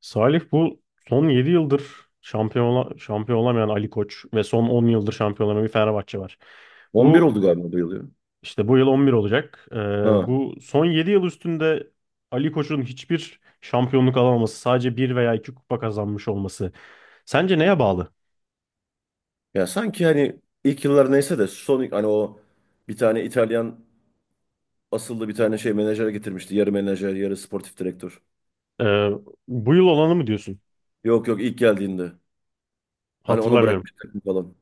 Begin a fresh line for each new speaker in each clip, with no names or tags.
Salih, bu son 7 yıldır şampiyon olamayan Ali Koç ve son 10 yıldır şampiyon olamayan bir Fenerbahçe var.
11
Bu
oldu galiba bu yıl ya.
işte bu yıl 11 olacak.
Ha.
Bu son 7 yıl üstünde Ali Koç'un hiçbir şampiyonluk alamaması, sadece bir veya 2 kupa kazanmış olması. Sence neye bağlı?
Ya sanki hani ilk yıllar neyse de son hani o bir tane İtalyan asıllı bir tane şey menajer getirmişti. Yarı menajer, yarı sportif direktör.
Ee, Bu yıl olanı mı diyorsun?
Yok yok ilk geldiğinde. Hani ona
Hatırlamıyorum.
bırakmış takım falan.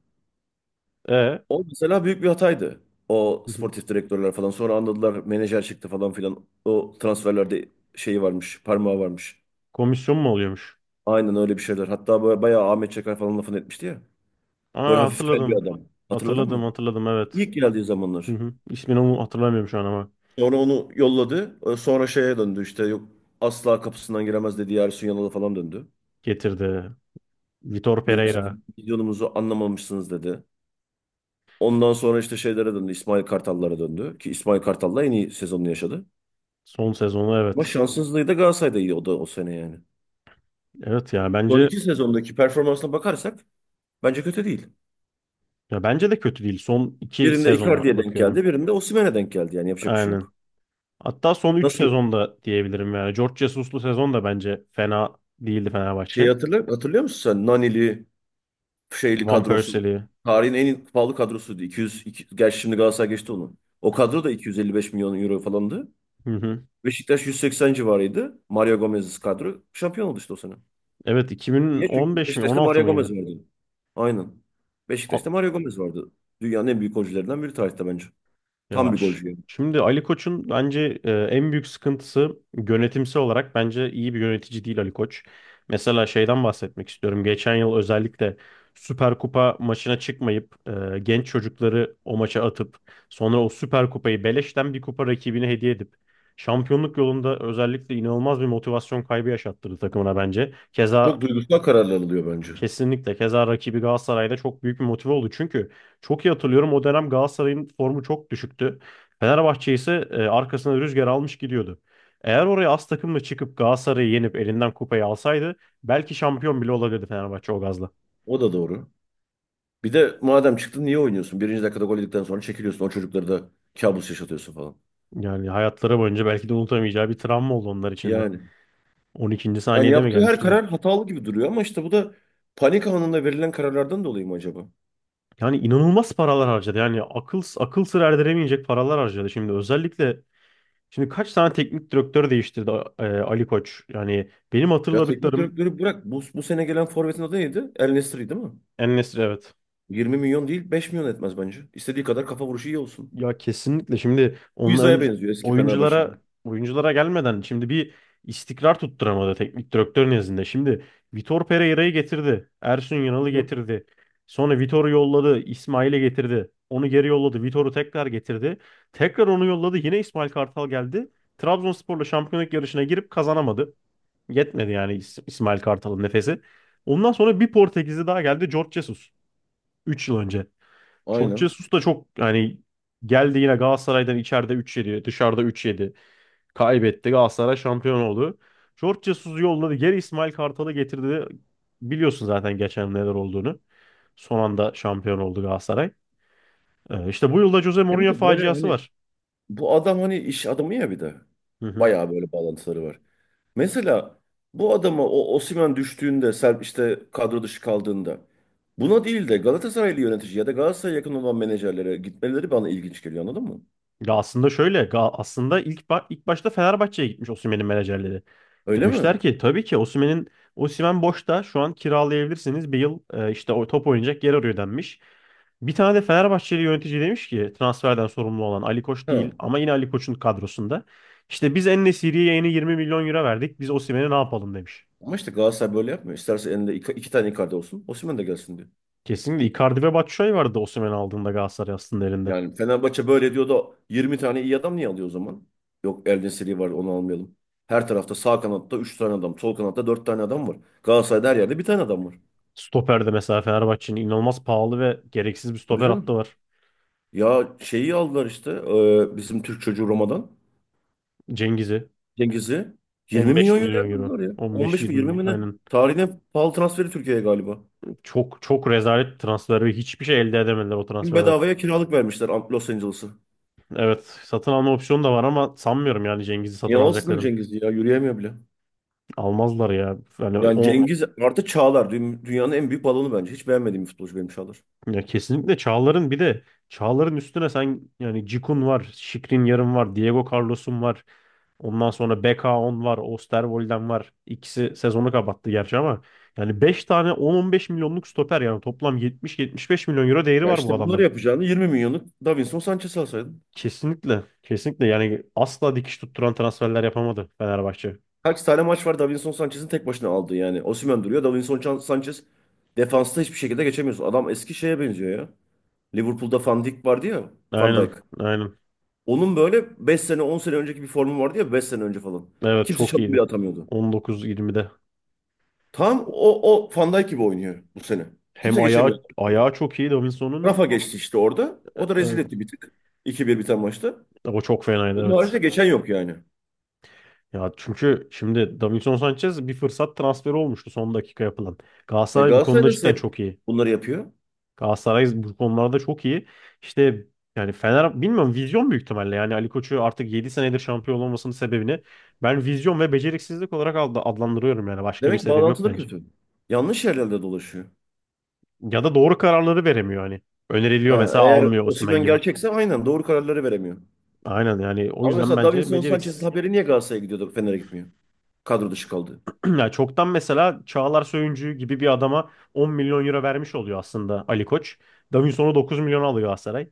Hı
O mesela büyük bir hataydı. O
hı.
sportif direktörler falan. Sonra anladılar menajer çıktı falan filan. O transferlerde şeyi varmış, parmağı varmış.
Komisyon mu oluyormuş?
Aynen öyle bir şeyler. Hatta böyle bayağı Ahmet Çakar falan lafını etmişti ya. Böyle
Aa,
hafif kel bir
hatırladım.
adam. Hatırladın
Hatırladım,
mı?
hatırladım, evet.
İlk geldiği
Hı
zamanlar.
hı. İsmini hatırlamıyorum şu an ama
Sonra onu yolladı. Sonra şeye döndü işte yok asla kapısından giremez dedi. Ersun Yanal'a falan döndü.
getirdi. Vitor
Benim
Pereira.
sizin videonuzu anlamamışsınız dedi. Ondan sonra işte şeylere döndü. İsmail Kartal'lara döndü. Ki İsmail Kartal'la en iyi sezonunu yaşadı.
Son sezonu,
Ama
evet.
şanssızlığı da Galatasaray'da iyi o da o sene yani.
Evet,
Son iki sezondaki performansına bakarsak bence kötü değil.
ya bence de kötü değil. Son iki
Birinde
sezonu
Icardi'ye denk
bakıyorum.
geldi. Birinde Osimhen'e denk geldi. Yani yapacak bir şey
Aynen.
yok.
Hatta son üç
Nasıl
sezonda diyebilirim yani. George Jesus'lu sezon da bence fena değildi
şeyi
Fenerbahçe.
hatırlıyor musun sen? Nanili, şeyli
Van
kadrosu.
Persie'li.
Tarihin en pahalı kadrosuydu. 200, gerçi şimdi Galatasaray geçti onu. O kadro da 255 milyon euro falandı.
Hı hı.
Beşiktaş 180 civarıydı. Mario Gomez'siz kadro. Şampiyon oldu işte o sene.
Evet,
Niye? Çünkü
2015 mi,
Beşiktaş'ta
16
Mario Gomez
mıydı?
vardı. Aynen. Beşiktaş'ta Mario Gomez vardı. Dünyanın en büyük golcülerinden biri tarihte bence.
Ya,
Tam bir golcü yani.
şimdi Ali Koç'un bence en büyük sıkıntısı, yönetimsel olarak bence iyi bir yönetici değil Ali Koç. Mesela şeyden bahsetmek istiyorum. Geçen yıl özellikle Süper Kupa maçına çıkmayıp genç çocukları o maça atıp sonra o Süper Kupayı beleşten bir kupa rakibine hediye edip şampiyonluk yolunda özellikle inanılmaz bir motivasyon kaybı yaşattırdı takımına bence.
Çok
Keza.
duygusal kararlar alıyor bence.
Kesinlikle. Keza rakibi Galatasaray'da çok büyük bir motive oldu. Çünkü çok iyi hatırlıyorum, o dönem Galatasaray'ın formu çok düşüktü. Fenerbahçe ise arkasına rüzgar almış gidiyordu. Eğer oraya az takımla çıkıp Galatasaray'ı yenip elinden kupayı alsaydı belki şampiyon bile olabilirdi Fenerbahçe o gazla.
O da doğru. Bir de madem çıktın niye oynuyorsun? Birinci dakikada gol yedikten sonra çekiliyorsun. O çocukları da kabus yaşatıyorsun falan.
Yani hayatları boyunca belki de unutamayacağı bir travma oldu onlar için de.
Yani.
12.
Yani
saniyede mi
yaptığı her
gelmişti gol?
karar hatalı gibi duruyor ama işte bu da panik anında verilen kararlardan dolayı mı acaba?
Yani inanılmaz paralar harcadı. Yani akıl akıl sır erdiremeyecek paralar harcadı. Şimdi kaç tane teknik direktör değiştirdi Ali Koç? Yani benim
Ya teknik
hatırladıklarım,
direktörü bırak. Bu sene gelen forvetin adı neydi? El Nesri değil mi?
en evet.
20 milyon değil 5 milyon etmez bence. İstediği kadar kafa vuruşu iyi olsun.
Ya kesinlikle şimdi
Bu
onun önce
benziyor eski Fenerbahçeli.
oyunculara gelmeden şimdi bir istikrar tutturamadı teknik direktör nezdinde. Şimdi Vitor Pereira'yı getirdi. Ersun Yanal'ı
Hı hı.
getirdi. Sonra Vitor'u yolladı. İsmail'i getirdi. Onu geri yolladı. Vitor'u tekrar getirdi. Tekrar onu yolladı. Yine İsmail Kartal geldi. Trabzonspor'la şampiyonluk yarışına girip kazanamadı. Yetmedi yani İsmail Kartal'ın nefesi. Ondan sonra bir Portekizli daha geldi. Jorge Jesus. 3 yıl önce. Jorge
Aynen.
Jesus da çok yani geldi, yine Galatasaray'dan içeride 3-7, dışarıda 3-7. Kaybetti. Galatasaray şampiyon oldu. Jorge Jesus'u yolladı. Geri İsmail Kartal'ı getirdi. Biliyorsun zaten geçen neler olduğunu. Son anda şampiyon oldu Galatasaray. İşte bu yılda Jose
Hem
Mourinho
de böyle
faciası
hani.
var.
Bu adam hani iş adamı ya bir de.
Hı hı.
Bayağı böyle bağlantıları var. Mesela bu adama o Osimhen düştüğünde, Serp işte kadro dışı kaldığında buna değil de Galatasaraylı yönetici ya da Galatasaray'a yakın olan menajerlere gitmeleri bana ilginç geliyor anladın mı?
Ya, aslında şöyle, aslında ilk ilk başta Fenerbahçe'ye gitmiş Osimhen'in menajerleri.
Öyle mi?
Demişler ki, tabii ki Osimhen boşta, şu an kiralayabilirsiniz. Bir yıl işte o top oynayacak yer arıyor denmiş. Bir tane de Fenerbahçeli yönetici demiş ki, transferden sorumlu olan Ali Koç
Ha.
değil ama yine Ali Koç'un kadrosunda. İşte biz En-Nesyri'ye yeni 20 milyon euro verdik. Biz Osimhen'e ne yapalım demiş.
Ama işte Galatasaray böyle yapmıyor. İsterse elinde iki tane Icardi olsun, Osimhen de gelsin diyor.
Kesinlikle Icardi ve Batshuayi vardı Osimhen'i aldığında Galatasaray aslında elinde.
Yani Fenerbahçe böyle diyor da 20 tane iyi adam niye alıyor o zaman? Yok Eldin Seri var onu almayalım. Her tarafta sağ kanatta 3 tane adam, sol kanatta 4 tane adam var. Galatasaray'da her yerde bir tane adam var.
Stoper'de mesela Fenerbahçe'nin inanılmaz pahalı ve gereksiz bir
Tabii
stoper hattı
canım.
var.
Ya şeyi aldılar işte bizim Türk çocuğu Roma'dan.
Cengiz'i
Cengiz'i. 20
15
milyon euroya
milyon euro.
aldılar ya. 15 mi 20
15-20,
mi ne?
aynen.
Tarihin en pahalı transferi Türkiye'ye galiba.
Çok çok rezalet transferi. Hiçbir şey elde edemediler o
Şimdi
transferden.
bedavaya kiralık vermişler Los Angeles'ı.
Evet, satın alma opsiyonu da var ama sanmıyorum yani Cengiz'i
Niye
satın
alsınlar
alacaklarını.
Cengiz'i ya? Yürüyemiyor bile.
Almazlar ya. Yani
Yani
o,
Cengiz artı Çağlar. Dünyanın en büyük balonu bence. Hiç beğenmediğim bir futbolcu benim Çağlar.
ya kesinlikle Çağlar'ın bir de Çağlar'ın üstüne sen, yani Cikun var, yarım var, Diego Carlos'un var. Ondan sonra beka on var, Osterwold'den var. İkisi sezonu kapattı gerçi ama yani 5 tane 10-15 milyonluk stoper, yani toplam 70-75 milyon euro değeri
Ya
var bu
işte bunları
adamların.
yapacağını 20 milyonluk Davinson Sanchez alsaydın.
Kesinlikle. Kesinlikle yani asla dikiş tutturan transferler yapamadı Fenerbahçe.
Kaç tane maç var Davinson Sanchez'in tek başına aldığı yani. Osimhen duruyor. Davinson Sanchez defansta hiçbir şekilde geçemiyorsun. Adam eski şeye benziyor ya. Liverpool'da Van Dijk vardı ya. Van Dijk.
Aynen. Aynen.
Onun böyle 5 sene 10 sene önceki bir formu vardı ya 5 sene önce falan.
Evet,
Kimse
çok
çalım bile
iyiydi.
atamıyordu.
19-20'de.
Tam o Van Dijk gibi oynuyor bu sene.
Hem
Kimse geçemiyor.
ayağı çok iyi Davinson'un.
Rafa geçti işte orada. O da rezil
Evet.
etti bir tık. 2 bir biten maçta.
O çok fenaydı,
Onun
evet.
haricinde geçen yok yani.
Ya çünkü şimdi Davinson Sanchez bir fırsat transferi olmuştu, son dakika yapılan. Galatasaray bu
Galatasaray
konuda
nasıl
cidden
hep
çok iyi.
bunları yapıyor?
Galatasaray bu konularda çok iyi. İşte yani Fener, bilmiyorum, vizyon büyük ihtimalle. Yani Ali Koç'u artık 7 senedir şampiyon olmasının sebebini ben vizyon ve beceriksizlik olarak adlandırıyorum yani. Başka bir
Demek
sebep yok
bağlantıları
bence.
kötü. Yanlış yerlerde dolaşıyor.
Ya da doğru kararları veremiyor hani. Öneriliyor
Ha,
mesela,
eğer
almıyor, Osimhen
Osimhen
gibi.
gerçekse aynen doğru kararları veremiyor.
Aynen, yani o
Ama
yüzden
mesela
bence
Davinson Sanchez'in
beceriksiz.
haberi niye Galatasaray'a gidiyordu Fener'e gitmiyor? Kadro dışı
İşte,
kaldı.
yani çoktan mesela Çağlar Söyüncü gibi bir adama 10 milyon euro vermiş oluyor aslında Ali Koç. Davinson'u 9 milyon alıyor Galatasaray.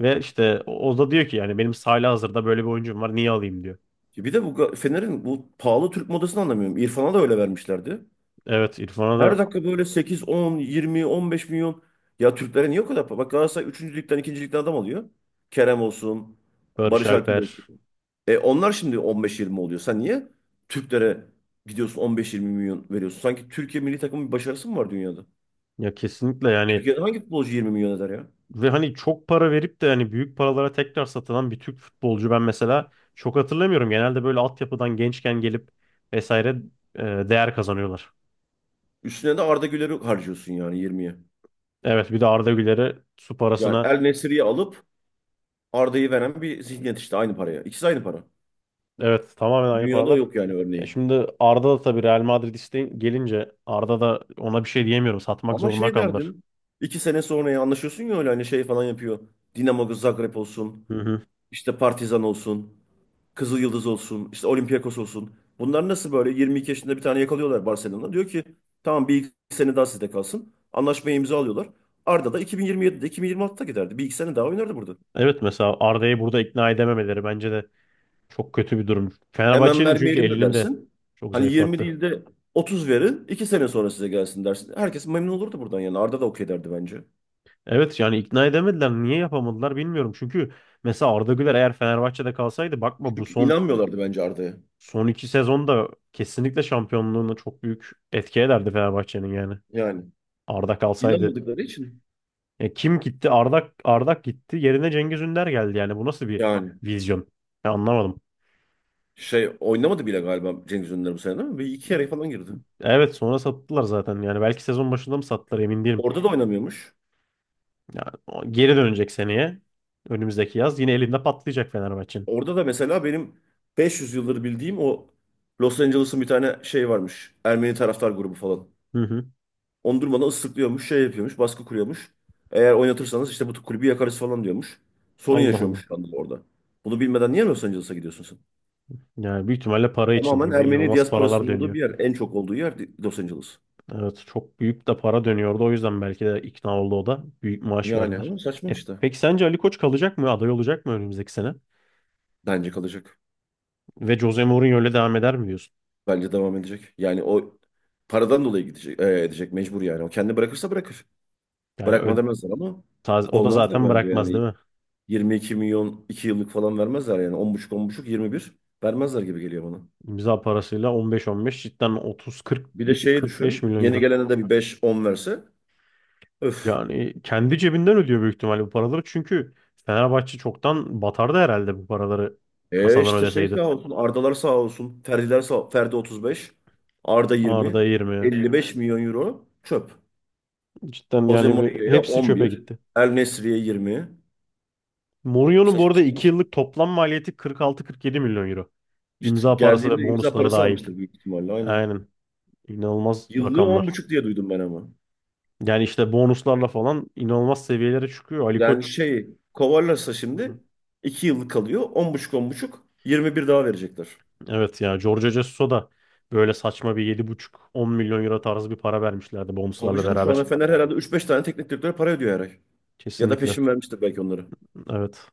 Ve işte o da diyor ki, yani benim sahada hazırda böyle bir oyuncum var, niye alayım diyor.
Bir de bu Fener'in bu pahalı Türk modasını anlamıyorum. İrfan'a da öyle vermişlerdi.
Evet, İrfan'a
Her
da.
dakika böyle sekiz on yirmi on beş milyon. Ya Türklere niye o kadar para? Bak Galatasaray 3. ligden 2. ligden adam alıyor. Kerem olsun,
Barış
Barış Alper
Alper.
olsun. Onlar şimdi 15-20 oluyor. Sen niye Türklere gidiyorsun 15-20 milyon veriyorsun? Sanki Türkiye milli takımın bir başarısı mı var dünyada?
Ya kesinlikle yani,
Türkiye'de hangi futbolcu 20 milyon eder ya?
ve hani çok para verip de hani büyük paralara tekrar satılan bir Türk futbolcu ben mesela çok hatırlamıyorum. Genelde böyle altyapıdan gençken gelip vesaire değer kazanıyorlar.
Üstüne de Arda Güler'i harcıyorsun yani 20'ye.
Evet, bir de Arda Güler'e su
Yani
parasına,
El Nesiri'yi alıp Arda'yı veren bir zihniyet işte aynı paraya. İkisi aynı para.
evet, tamamen aynı
Dünyada
paralar.
yok yani
Ya
örneği.
şimdi Arda da, tabii, Real Madrid isteği gelince Arda da ona bir şey diyemiyorum. Satmak
Ama
zorunda
şey
kaldılar.
derdin. İki sene sonra ya anlaşıyorsun ya öyle hani şey falan yapıyor. Dinamo Zagreb olsun.
Hı hı.
İşte Partizan olsun. Kızıl Yıldız olsun. İşte Olympiakos olsun. Bunlar nasıl böyle 22 yaşında bir tane yakalıyorlar Barcelona'dan. Diyor ki tamam bir iki sene daha sizde kalsın. Anlaşmayı imza alıyorlar. Arda da 2027'de 2026'da giderdi. Bir iki sene daha oynardı burada.
Evet, mesela Arda'yı burada ikna edememeleri bence de çok kötü bir durum.
Hemen
Fenerbahçe'nin çünkü
vermeyelim de
elinde
dersin.
çok
Hani 20
zayıflattı.
değil de 30 verin. İki sene sonra size gelsin dersin. Herkes memnun olurdu buradan yani. Arda da okey derdi bence.
Evet yani ikna edemediler. Niye yapamadılar bilmiyorum. Çünkü mesela Arda Güler eğer Fenerbahçe'de kalsaydı, bakma, bu
Çünkü
son
inanmıyorlardı bence Arda'ya.
son iki sezonda kesinlikle şampiyonluğuna çok büyük etki ederdi Fenerbahçe'nin yani.
Yani
Arda kalsaydı.
inanmadıkları için
Kim gitti? Arda gitti. Yerine Cengiz Ünder geldi yani. Bu nasıl bir
yani
vizyon? Ya, anlamadım.
şey oynamadı bile galiba Cengiz Ünder bu sene değil mi? Bir iki yarı falan girdi.
Evet, sonra sattılar zaten. Yani belki sezon başında mı sattılar, emin değilim.
Orada da oynamıyormuş.
Yani o geri dönecek seneye. Önümüzdeki yaz. Yine elinde patlayacak Fenerbahçe'nin.
Orada da mesela benim 500 yıldır bildiğim o Los Angeles'ın bir tane şey varmış. Ermeni taraftar grubu falan.
Hı hı.
Onu durmadan ıslıklıyormuş, şey yapıyormuş, baskı kuruyormuş. Eğer oynatırsanız işte bu kulübü yakarız falan diyormuş. Sorun
Allah Allah.
yaşıyormuş şu anda orada. Bunu bilmeden niye Los Angeles'a gidiyorsun sen?
Yani büyük ihtimalle para için,
Tamamen
çünkü
Ermeni
inanılmaz paralar
diasporasının olduğu
dönüyor.
bir yer. En çok olduğu yer Los Angeles.
Evet, çok büyük de para dönüyordu. O yüzden belki de ikna oldu o da. Büyük maaş
Yani
verdiler.
ama saçma işte.
Peki sence Ali Koç kalacak mı? Aday olacak mı önümüzdeki sene?
Bence kalacak.
Ve Jose Mourinho öyle devam eder mi diyorsun?
Bence devam edecek. Yani o paradan dolayı gidecek, edecek mecbur yani. O kendi bırakırsa bırakır.
Yani
Bırakma demezler ama
o da
kovmazlar
zaten
bence
bırakmaz, değil
yani.
mi?
22 milyon 2 yıllık falan vermezler yani. 10,5 10,5 21 vermezler gibi geliyor bana.
İmza parasıyla 15-15, cidden
Bir de şeyi
30-40-45
düşün.
milyon
Yeni
euro.
gelene de bir 5-10 verse. Öf.
Yani kendi cebinden ödüyor büyük ihtimalle bu paraları. Çünkü Fenerbahçe çoktan batardı herhalde bu paraları kasadan
İşte şey
ödeseydi.
sağ olsun. Ardalar sağ olsun. Ferdiler sağ Ferdi 35. Arda 20.
Arda 20.
55 milyon euro çöp.
Cidden
Jose
yani,
Mourinho'ya
hepsi çöpe
11.
gitti.
El Nesri'ye 20.
Mourinho'nun bu
Saçma
arada
sapan.
2 yıllık toplam maliyeti 46-47 milyon euro.
İşte
İmza parası
geldiğinde
ve
imza
bonusları
parası
dahil.
almıştır büyük ihtimalle, aynen.
Aynen. İnanılmaz
Yıllığı on
rakamlar.
buçuk diye duydum ben ama.
Yani işte bonuslarla falan inanılmaz seviyelere çıkıyor. Ali
Yani
Koç.
şey kovarlarsa
Hı
şimdi
hı.
2 yıllık kalıyor. On buçuk on buçuk 21 daha verecekler.
Evet ya, Jorge Jesus'a da böyle saçma bir yedi buçuk on milyon euro tarzı bir para vermişlerdi
Tabii
bonuslarla
canım şu anda
beraber.
Fener herhalde üç beş tane teknik direktöre para ödüyor her ay. Ya da
Kesinlikle.
peşin vermiştir belki onları.
Evet.